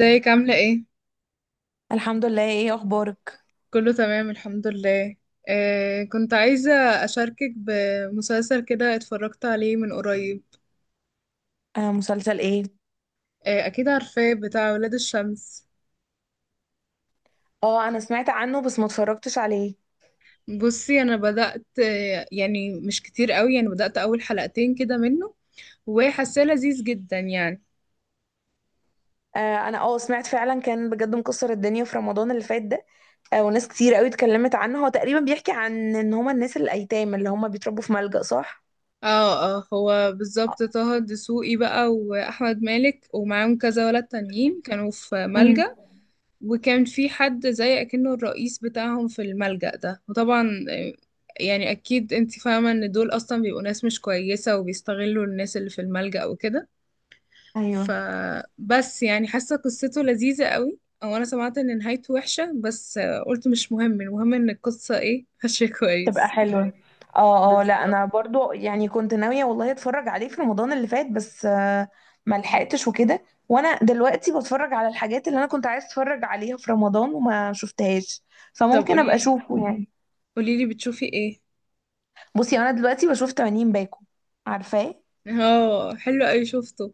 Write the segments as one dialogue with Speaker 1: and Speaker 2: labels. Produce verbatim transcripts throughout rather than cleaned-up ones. Speaker 1: ازيك عاملة ايه؟
Speaker 2: الحمد لله. ايه اخبارك؟
Speaker 1: كله تمام الحمد لله. آه كنت عايزة أشاركك بمسلسل كده، اتفرجت عليه من قريب.
Speaker 2: آه، مسلسل ايه؟
Speaker 1: آه أكيد عارفاه، بتاع ولاد الشمس.
Speaker 2: اه، انا سمعت عنه بس ما اتفرجتش عليه.
Speaker 1: بصي، أنا بدأت آه يعني مش كتير قوي، يعني بدأت أول حلقتين كده منه، وحاساه لذيذ جدا يعني.
Speaker 2: آه، انا اه سمعت فعلا كان بجد مكسر الدنيا في رمضان اللي فات ده. آه، وناس كتير قوي اتكلمت عنه. هو تقريبا بيحكي عن ان هما الناس الايتام اللي هما بيتربوا في ملجأ، صح؟
Speaker 1: اه اه، هو بالظبط طه الدسوقي بقى وأحمد مالك ومعاهم كذا ولد تانيين كانوا في
Speaker 2: امم.
Speaker 1: ملجأ. وكان في حد زي اكنه الرئيس بتاعهم في الملجأ ده، وطبعا آه، يعني اكيد انت فاهمة ان دول اصلا بيبقوا ناس مش كويسة وبيستغلوا الناس اللي في الملجأ وكده.
Speaker 2: ايوه.
Speaker 1: فبس يعني حاسة قصته لذيذة قوي، او انا سمعت ان نهايته وحشة، بس آه، قلت مش مهم، المهم ان القصة ايه ماشية
Speaker 2: تبقى
Speaker 1: كويس.
Speaker 2: حلوة. اه، اه، لا
Speaker 1: بالظبط.
Speaker 2: انا برضو يعني كنت ناوية والله اتفرج عليه في رمضان اللي فات، بس آه، ما لحقتش وكده. وانا دلوقتي بتفرج على الحاجات اللي انا كنت عايز اتفرج عليها في رمضان وما شفتهاش،
Speaker 1: طب
Speaker 2: فممكن ابقى
Speaker 1: قوليلي،
Speaker 2: اشوفه يعني.
Speaker 1: قوليلي بتشوفي ايه.
Speaker 2: بصي، انا دلوقتي بشوف تمانين باكو. عارفاه؟
Speaker 1: اه حلو قوي، شفته.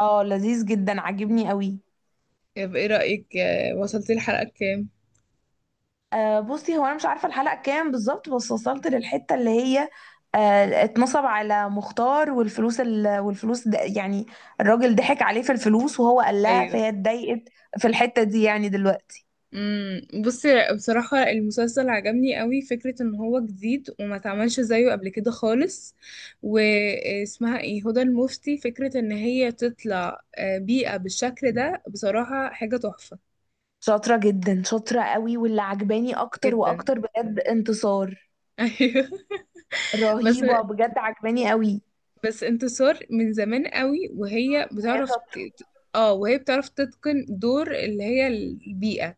Speaker 2: اه، لذيذ جدا، عاجبني قوي.
Speaker 1: طب ايه رأيك، آه، وصلتي الحلقة كام؟
Speaker 2: آه بصي، هو انا مش عارفه الحلقه كام بالظبط، بس وصلت للحته اللي هي آه اتنصب على مختار والفلوس ال... والفلوس ده، يعني الراجل ضحك عليه في الفلوس وهو قال لها
Speaker 1: ايوه.
Speaker 2: فهي اتضايقت، في الحته دي يعني دلوقتي.
Speaker 1: امم، بصي بصراحة المسلسل عجبني قوي، فكرة ان هو جديد وما اتعملش زيه قبل كده خالص. واسمها ايه، هدى المفتي، فكرة ان هي تطلع آه، بيئة بالشكل ده بصراحة حاجة تحفة.
Speaker 2: شاطره جدا، شاطره قوي، واللي عجباني اكتر
Speaker 1: جدا.
Speaker 2: واكتر بجد انتصار.
Speaker 1: ايوه. بس
Speaker 2: رهيبه بجد، عجباني قوي.
Speaker 1: بس انتصار من زمان قوي وهي
Speaker 2: وهي
Speaker 1: بتعرف ت-
Speaker 2: شاطره.
Speaker 1: ت- اه، وهي بتعرف تتقن دور اللي هي البيئة.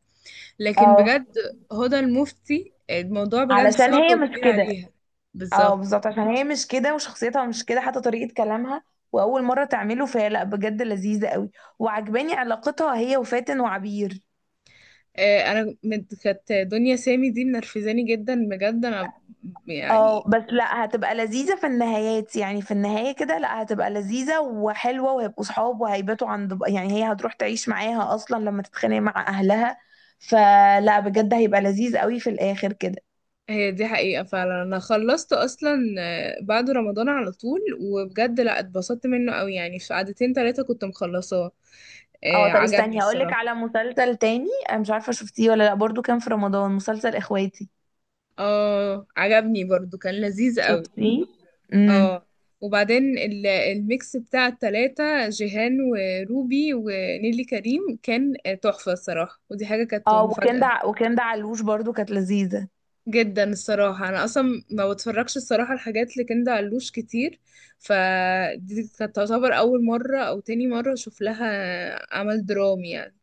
Speaker 1: لكن
Speaker 2: اه،
Speaker 1: بجد هدى المفتي الموضوع بجد
Speaker 2: علشان
Speaker 1: صعب
Speaker 2: هي مش
Speaker 1: وكبير
Speaker 2: كده.
Speaker 1: عليها.
Speaker 2: اه
Speaker 1: بالظبط.
Speaker 2: بالظبط، عشان هي مش كده وشخصيتها مش كده، حتى طريقة كلامها وأول مرة تعمله، فهي لأ بجد لذيذة قوي. وعجباني علاقتها هي وفاتن وعبير.
Speaker 1: آه، انا من- كانت دنيا سامي دي منرفزاني جدا بجد انا
Speaker 2: اه
Speaker 1: يعني.
Speaker 2: بس لأ، هتبقى لذيذة في النهايات يعني، في النهاية كده لأ هتبقى لذيذة وحلوة، وهيبقوا صحاب وهيباتوا عند، يعني هي هتروح تعيش معاها أصلا لما تتخانق مع أهلها. فلا بجد، هيبقى لذيذ قوي في الآخر كده.
Speaker 1: هي دي حقيقة فعلا. انا خلصت اصلا آه، بعد رمضان على طول، وبجد لا، اتبسطت منه قوي، يعني في قعدتين تلاتة كنت مخلصاه.
Speaker 2: اه،
Speaker 1: آه،
Speaker 2: طب
Speaker 1: عجبني
Speaker 2: استني هقولك
Speaker 1: الصراحة.
Speaker 2: على مسلسل تاني، انا مش عارفة شفتيه ولا لأ. برضو كان في رمضان مسلسل إخواتي،
Speaker 1: اه عجبني برضو، كان لذيذ قوي.
Speaker 2: شفتيه؟ امم.
Speaker 1: اه وبعدين ال- الميكس بتاع التلاتة جيهان وروبي ونيلي كريم كان آه، تحفة الصراحة، ودي حاجة كانت
Speaker 2: اه، وكندا
Speaker 1: مفاجأة.
Speaker 2: ع- وكندا علوش برضو كانت لذيذة.
Speaker 1: جدا الصراحة. أنا أصلا ما بتفرجش الصراحة الحاجات لكندا علوش كتير، فدي كانت تعتبر أول مرة أو تاني مرة أشوف لها عمل درامي يعني.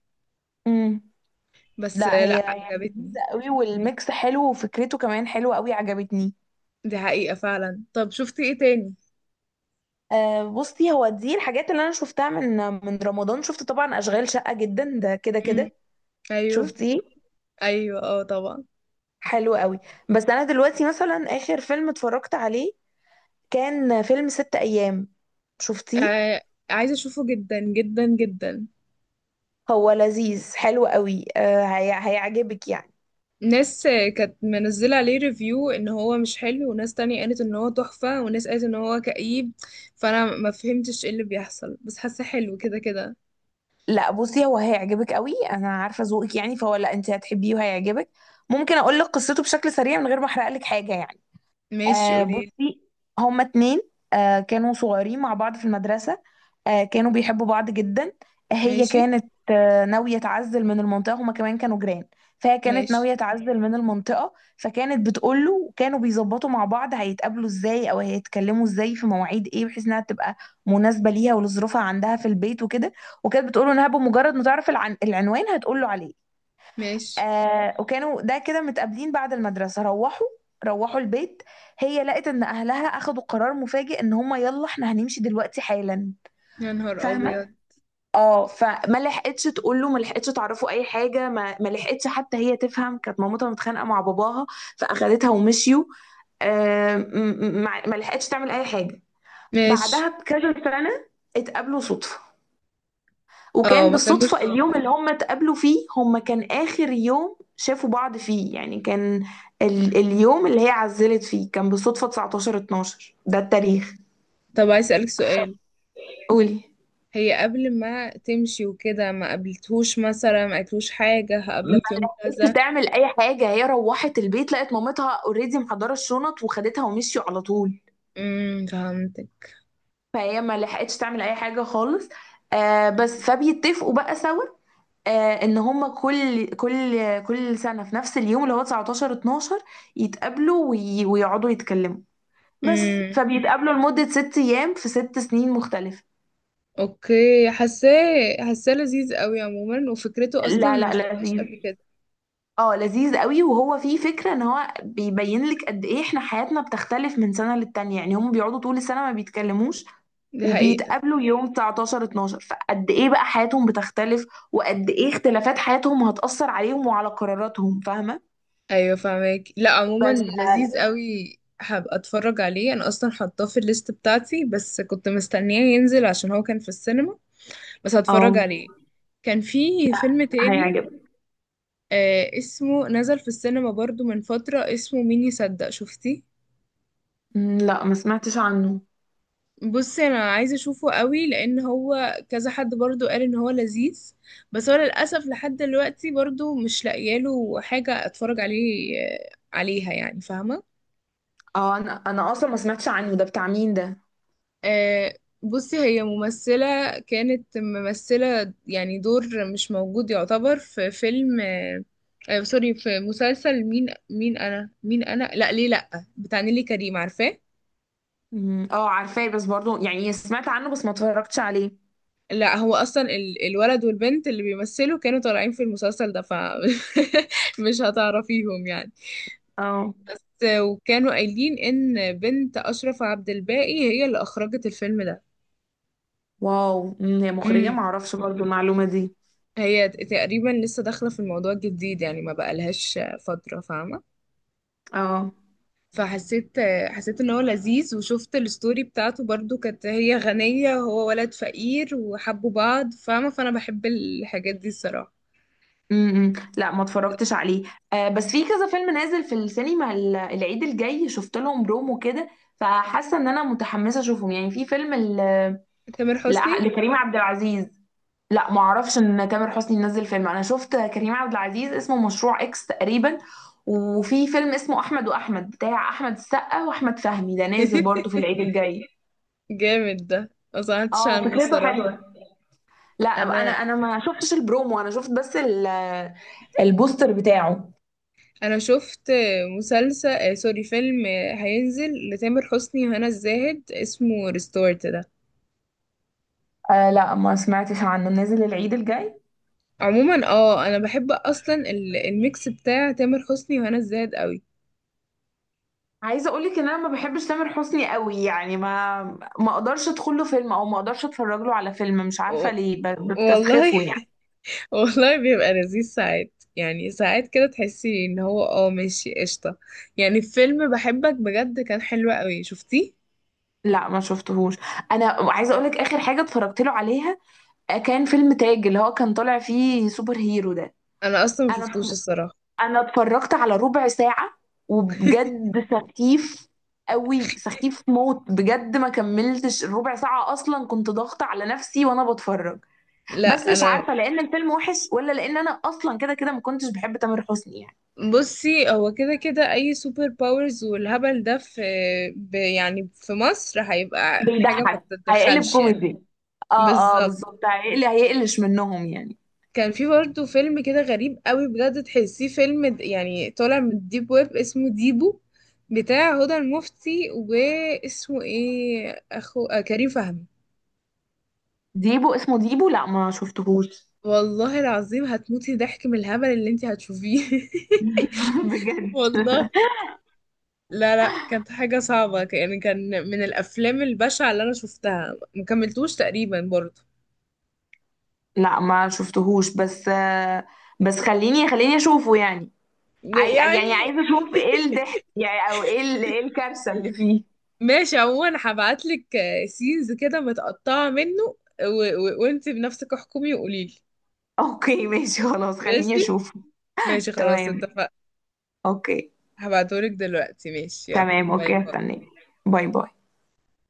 Speaker 2: امم.
Speaker 1: بس
Speaker 2: لا، هي
Speaker 1: لأ،
Speaker 2: هي
Speaker 1: عجبتني.
Speaker 2: لذيذة قوي، والميكس حلو وفكرته كمان حلوة قوي، عجبتني.
Speaker 1: دي حقيقة فعلا. طب شفتي ايه تاني؟
Speaker 2: آه بصي، هو دي الحاجات اللي انا شفتها من من رمضان. شفت طبعا اشغال شقة، جدا ده كده
Speaker 1: مم.
Speaker 2: كده.
Speaker 1: أيوه.
Speaker 2: شفتيه؟
Speaker 1: أيوه اه طبعا.
Speaker 2: حلو قوي. بس انا دلوقتي مثلا اخر فيلم اتفرجت عليه كان فيلم ست ايام. شفتيه؟
Speaker 1: آه عايزة أشوفه جدا جدا جدا.
Speaker 2: هو لذيذ حلو قوي، آه هي- هيعجبك يعني.
Speaker 1: ناس كانت منزلة عليه ريفيو ان هو مش حلو، وناس تانية قالت ان هو تحفة، وناس قالت ان هو كئيب، فانا ما فهمتش ايه اللي بيحصل، بس حاسة حلو كده كده.
Speaker 2: لا بصي، هو هيعجبك قوي، انا عارفه ذوقك يعني، فهو لا، انت هتحبيه وهيعجبك. ممكن اقول لك قصته بشكل سريع من غير ما احرق لك حاجه يعني؟
Speaker 1: ماشي
Speaker 2: آه
Speaker 1: قوليلي.
Speaker 2: بصي، هما اتنين آه كانوا صغيرين مع بعض في المدرسة. آه كانوا بيحبوا بعض جدا. هي
Speaker 1: ماشي.
Speaker 2: كانت آه ناوية تعزل من المنطقة، هما كمان كانوا جيران. فهي كانت
Speaker 1: ماشي.
Speaker 2: ناوية تعزل من المنطقة، فكانت بتقول له كانوا بيظبطوا مع بعض هيتقابلوا ازاي او هيتكلموا ازاي، في مواعيد ايه، بحيث انها تبقى مناسبة ليها ولظروفها عندها في البيت وكده. وكانت بتقول له انها بمجرد ما تعرف العن... العنوان هتقول له عليه.
Speaker 1: ماشي.
Speaker 2: آه، وكانوا ده كده متقابلين بعد المدرسة. روحوا روحوا البيت، هي لقت ان اهلها اخدوا قرار مفاجئ ان هما يلا احنا هنمشي دلوقتي حالا.
Speaker 1: يا نهار
Speaker 2: فاهمة؟
Speaker 1: أبيض.
Speaker 2: اه، فما لحقتش تقول له، ما لحقتش تعرفه اي حاجة، ما, ما لحقتش حتى هي تفهم. كانت مامتها متخانقة مع باباها فاخدتها ومشيوا. آه م- م- ما ما لحقتش تعمل اي حاجة.
Speaker 1: ماشي.
Speaker 2: بعدها بكذا سنة اتقابلوا صدفة.
Speaker 1: اه
Speaker 2: وكان
Speaker 1: ما
Speaker 2: بالصدفة
Speaker 1: كانوش.
Speaker 2: اليوم اللي هم اتقابلوا فيه هم كان آخر يوم شافوا بعض فيه يعني، كان ال اليوم اللي هي عزلت فيه، كان بالصدفة تسعتاشر اتناشر ده التاريخ.
Speaker 1: طب عايز أسألك سؤال.
Speaker 2: قولي.
Speaker 1: هي قبل ما تمشي وكده ما قابلتهوش مثلا، ما قالتلوش حاجة هقابلك يوم
Speaker 2: مش
Speaker 1: كذا؟
Speaker 2: تعمل أي حاجة، هي روحت البيت لقت مامتها اوريدي محضرة الشنط وخدتها ومشيوا على طول.
Speaker 1: امم، فهمتك.
Speaker 2: فهي ما لحقتش تعمل أي حاجة خالص. آه بس، فبيتفقوا بقى سوا آه ان هما كل كل كل سنة في نفس اليوم اللي هو تسعة عشر اتناشر يتقابلوا وي- ويقعدوا يتكلموا بس.
Speaker 1: امم.
Speaker 2: فبيتقابلوا لمدة ست أيام في ست سنين مختلفة.
Speaker 1: اوكي، حاساه، حاساه لذيذ قوي عموما، وفكرته اصلا
Speaker 2: لا
Speaker 1: ما
Speaker 2: لا،
Speaker 1: شفتهاش
Speaker 2: لذيذ.
Speaker 1: قبل كده.
Speaker 2: اه لذيذ قوي، وهو فيه فكرة ان هو بيبين لك قد ايه احنا حياتنا بتختلف من سنة للتانية، يعني هم بيقعدوا طول السنة ما بيتكلموش،
Speaker 1: دي حقيقة.
Speaker 2: وبيتقابلوا يوم تسعتاشر اتناشر، فقد ايه بقى حياتهم بتختلف، وقد ايه اختلافات حياتهم هتأثر عليهم وعلى قراراتهم. فاهمة؟
Speaker 1: ايوه فاهمك. لا عموما
Speaker 2: بس
Speaker 1: لذيذ قوي، هبقى اتفرج عليه. انا اصلا حاطاه في الليست بتاعتي، بس كنت مستنياه ينزل عشان هو كان في السينما. بس هتفرج
Speaker 2: اه،
Speaker 1: عليه. كان في فيلم تاني
Speaker 2: هيعجبك.
Speaker 1: آه، اسمه نزل في السينما برضو من فترة، اسمه مين يصدق. شفتي؟
Speaker 2: مم، لا، ما سمعتش عنه.
Speaker 1: بصي انا عايزه اشوفه قوي لان هو كذا حد برضو قال ان هو لذيذ، بس هو للاسف لحد دلوقتي برضو مش لاقياله حاجه اتفرج عليه آه، عليها يعني، فاهمه.
Speaker 2: اه، انا انا اصلا ما سمعتش عنه، ده بتاع مين ده؟
Speaker 1: آه، بصي هي ممثلة، كانت ممثلة يعني دور مش موجود يعتبر في فيلم آه، آه، سوري، في مسلسل مين مين أنا، مين أنا، لا ليه لا، بتاع نيلي كريم، عارفاه.
Speaker 2: مم. اه عارفاه، بس برضو يعني سمعت عنه بس ما اتفرجتش عليه.
Speaker 1: لا هو أصلا ال- الولد والبنت اللي بيمثلوا كانوا طالعين في المسلسل ده، ف مش هتعرفيهم يعني.
Speaker 2: اه،
Speaker 1: ت- وكانوا قايلين إن بنت أشرف عبد الباقي هي اللي أخرجت الفيلم
Speaker 2: واو، مم، هي مخرجة؟
Speaker 1: ده.
Speaker 2: ما اعرفش برضو المعلومة دي.
Speaker 1: هي تقريبا لسه داخلة في الموضوع الجديد يعني، ما بقالهاش فترة فاهمة.
Speaker 2: اه.
Speaker 1: فحسيت، حسيت ان هو لذيذ، وشفت الستوري بتاعته برضو، كانت هي غنية وهو ولد فقير وحبوا بعض فاهمة. فانا بحب الحاجات دي الصراحة.
Speaker 2: امم، لا ما اتفرجتش عليه. آه بس، في كذا فيلم نازل في السينما ال- العيد الجاي، شفت لهم برومو كده، فحاسة ان انا متحمسة اشوفهم يعني في فيلم.
Speaker 1: تامر
Speaker 2: لا،
Speaker 1: حسني.
Speaker 2: لكريم عبد العزيز. لا، ما اعرفش ان تامر حسني نزل فيلم. انا شفت كريم عبد العزيز، اسمه مشروع اكس تقريبا. وفي فيلم اسمه احمد واحمد بتاع احمد السقا واحمد فهمي، ده نازل برضه في العيد الجاي.
Speaker 1: جامد ده، ما سمعتش
Speaker 2: اه،
Speaker 1: عنه
Speaker 2: وفكرته
Speaker 1: الصراحة.
Speaker 2: حلوه. لا، انا
Speaker 1: انا
Speaker 2: انا ما شفتش البرومو، انا شفت بس ال- البوستر بتاعه.
Speaker 1: انا شفت مسلسل آه، سوري، فيلم آه، هينزل لتامر حسني وهنا الزاهد اسمه ريستورت.
Speaker 2: آه لا، ما سمعتش عنه نازل العيد الجاي.
Speaker 1: عموما اه انا بحب اصلا ال- الميكس بتاع تامر حسني وهنا الزاهد قوي.
Speaker 2: عايزه اقول لك ان انا ما بحبش تامر حسني قوي، يعني ما ما اقدرش ادخل له فيلم او ما اقدرش اتفرج له على فيلم، مش
Speaker 1: و-
Speaker 2: عارفه ليه، ب-
Speaker 1: والله
Speaker 2: بستسخفه يعني.
Speaker 1: والله بيبقى لذيذ ساعات، يعني ساعات كده تحسي ان هو اه ماشي قشطه. يعني فيلم بحبك بجد كان حلو قوي، شفتيه؟
Speaker 2: لا، ما شفتهوش. انا عايزه اقولك اخر حاجه اتفرجت له عليها، آه، كان فيلم تاج، اللي هو كان طالع فيه سوبر هيرو ده.
Speaker 1: انا اصلا ما شفتوش
Speaker 2: انا
Speaker 1: الصراحه.
Speaker 2: انا اتفرجت على ربع ساعه، وبجد سخيف قوي، سخيف موت بجد، ما كملتش الربع ساعه اصلا، كنت ضاغطه على نفسي وانا بتفرج. بس
Speaker 1: لا
Speaker 2: مش
Speaker 1: انا،
Speaker 2: عارفه لان الفيلم وحش، ولا لان انا اصلا كده كده ما كنتش بحب تامر حسني يعني.
Speaker 1: بصي هو كده كده اي سوبر باورز والهبل ده في، ب- يعني في مصر هيبقى حاجه ما
Speaker 2: بيضحك. هيقلب
Speaker 1: تتدخلش يعني.
Speaker 2: كوميدي. اه اه
Speaker 1: بالظبط.
Speaker 2: بالظبط، هيقلي هيقلش منهم يعني.
Speaker 1: كان في برضه فيلم كده غريب قوي بجد، تحسيه فيلم د- يعني طالع من الديب ويب، اسمه ديبو، بتاع هدى المفتي، واسمه ايه، اخو آه كريم فهمي.
Speaker 2: ديبو، اسمه ديبو؟ لا، ما شفتهوش.
Speaker 1: والله العظيم هتموتي ضحك من الهبل اللي انت هتشوفيه.
Speaker 2: بجد؟
Speaker 1: والله. لا لا، كانت حاجة صعبة ك- يعني، كان من الأفلام البشعة اللي أنا شفتها، مكملتوش تقريبا برضه.
Speaker 2: لا، ما شفتهوش بس آه، بس خليني خليني اشوفه يعني.
Speaker 1: ده
Speaker 2: عاي... يعني
Speaker 1: يعني،
Speaker 2: عايزه اشوف ايه الضحك يعني، او ايه ال... ايه الكارثه اللي فيه.
Speaker 1: ماشي. عموما هبعتلك سينز كده متقطعة منه، و... و... وانت بنفسك احكمي وقوليلي.
Speaker 2: اوكي، ماشي خلاص، خليني
Speaker 1: ماشي.
Speaker 2: اشوفه.
Speaker 1: ماشي خلاص،
Speaker 2: تمام.
Speaker 1: اتفقنا.
Speaker 2: اوكي.
Speaker 1: هبعتهولك دلوقتي. ماشي، يلا،
Speaker 2: تمام،
Speaker 1: باي
Speaker 2: اوكي،
Speaker 1: باي.
Speaker 2: هستناك. باي باي.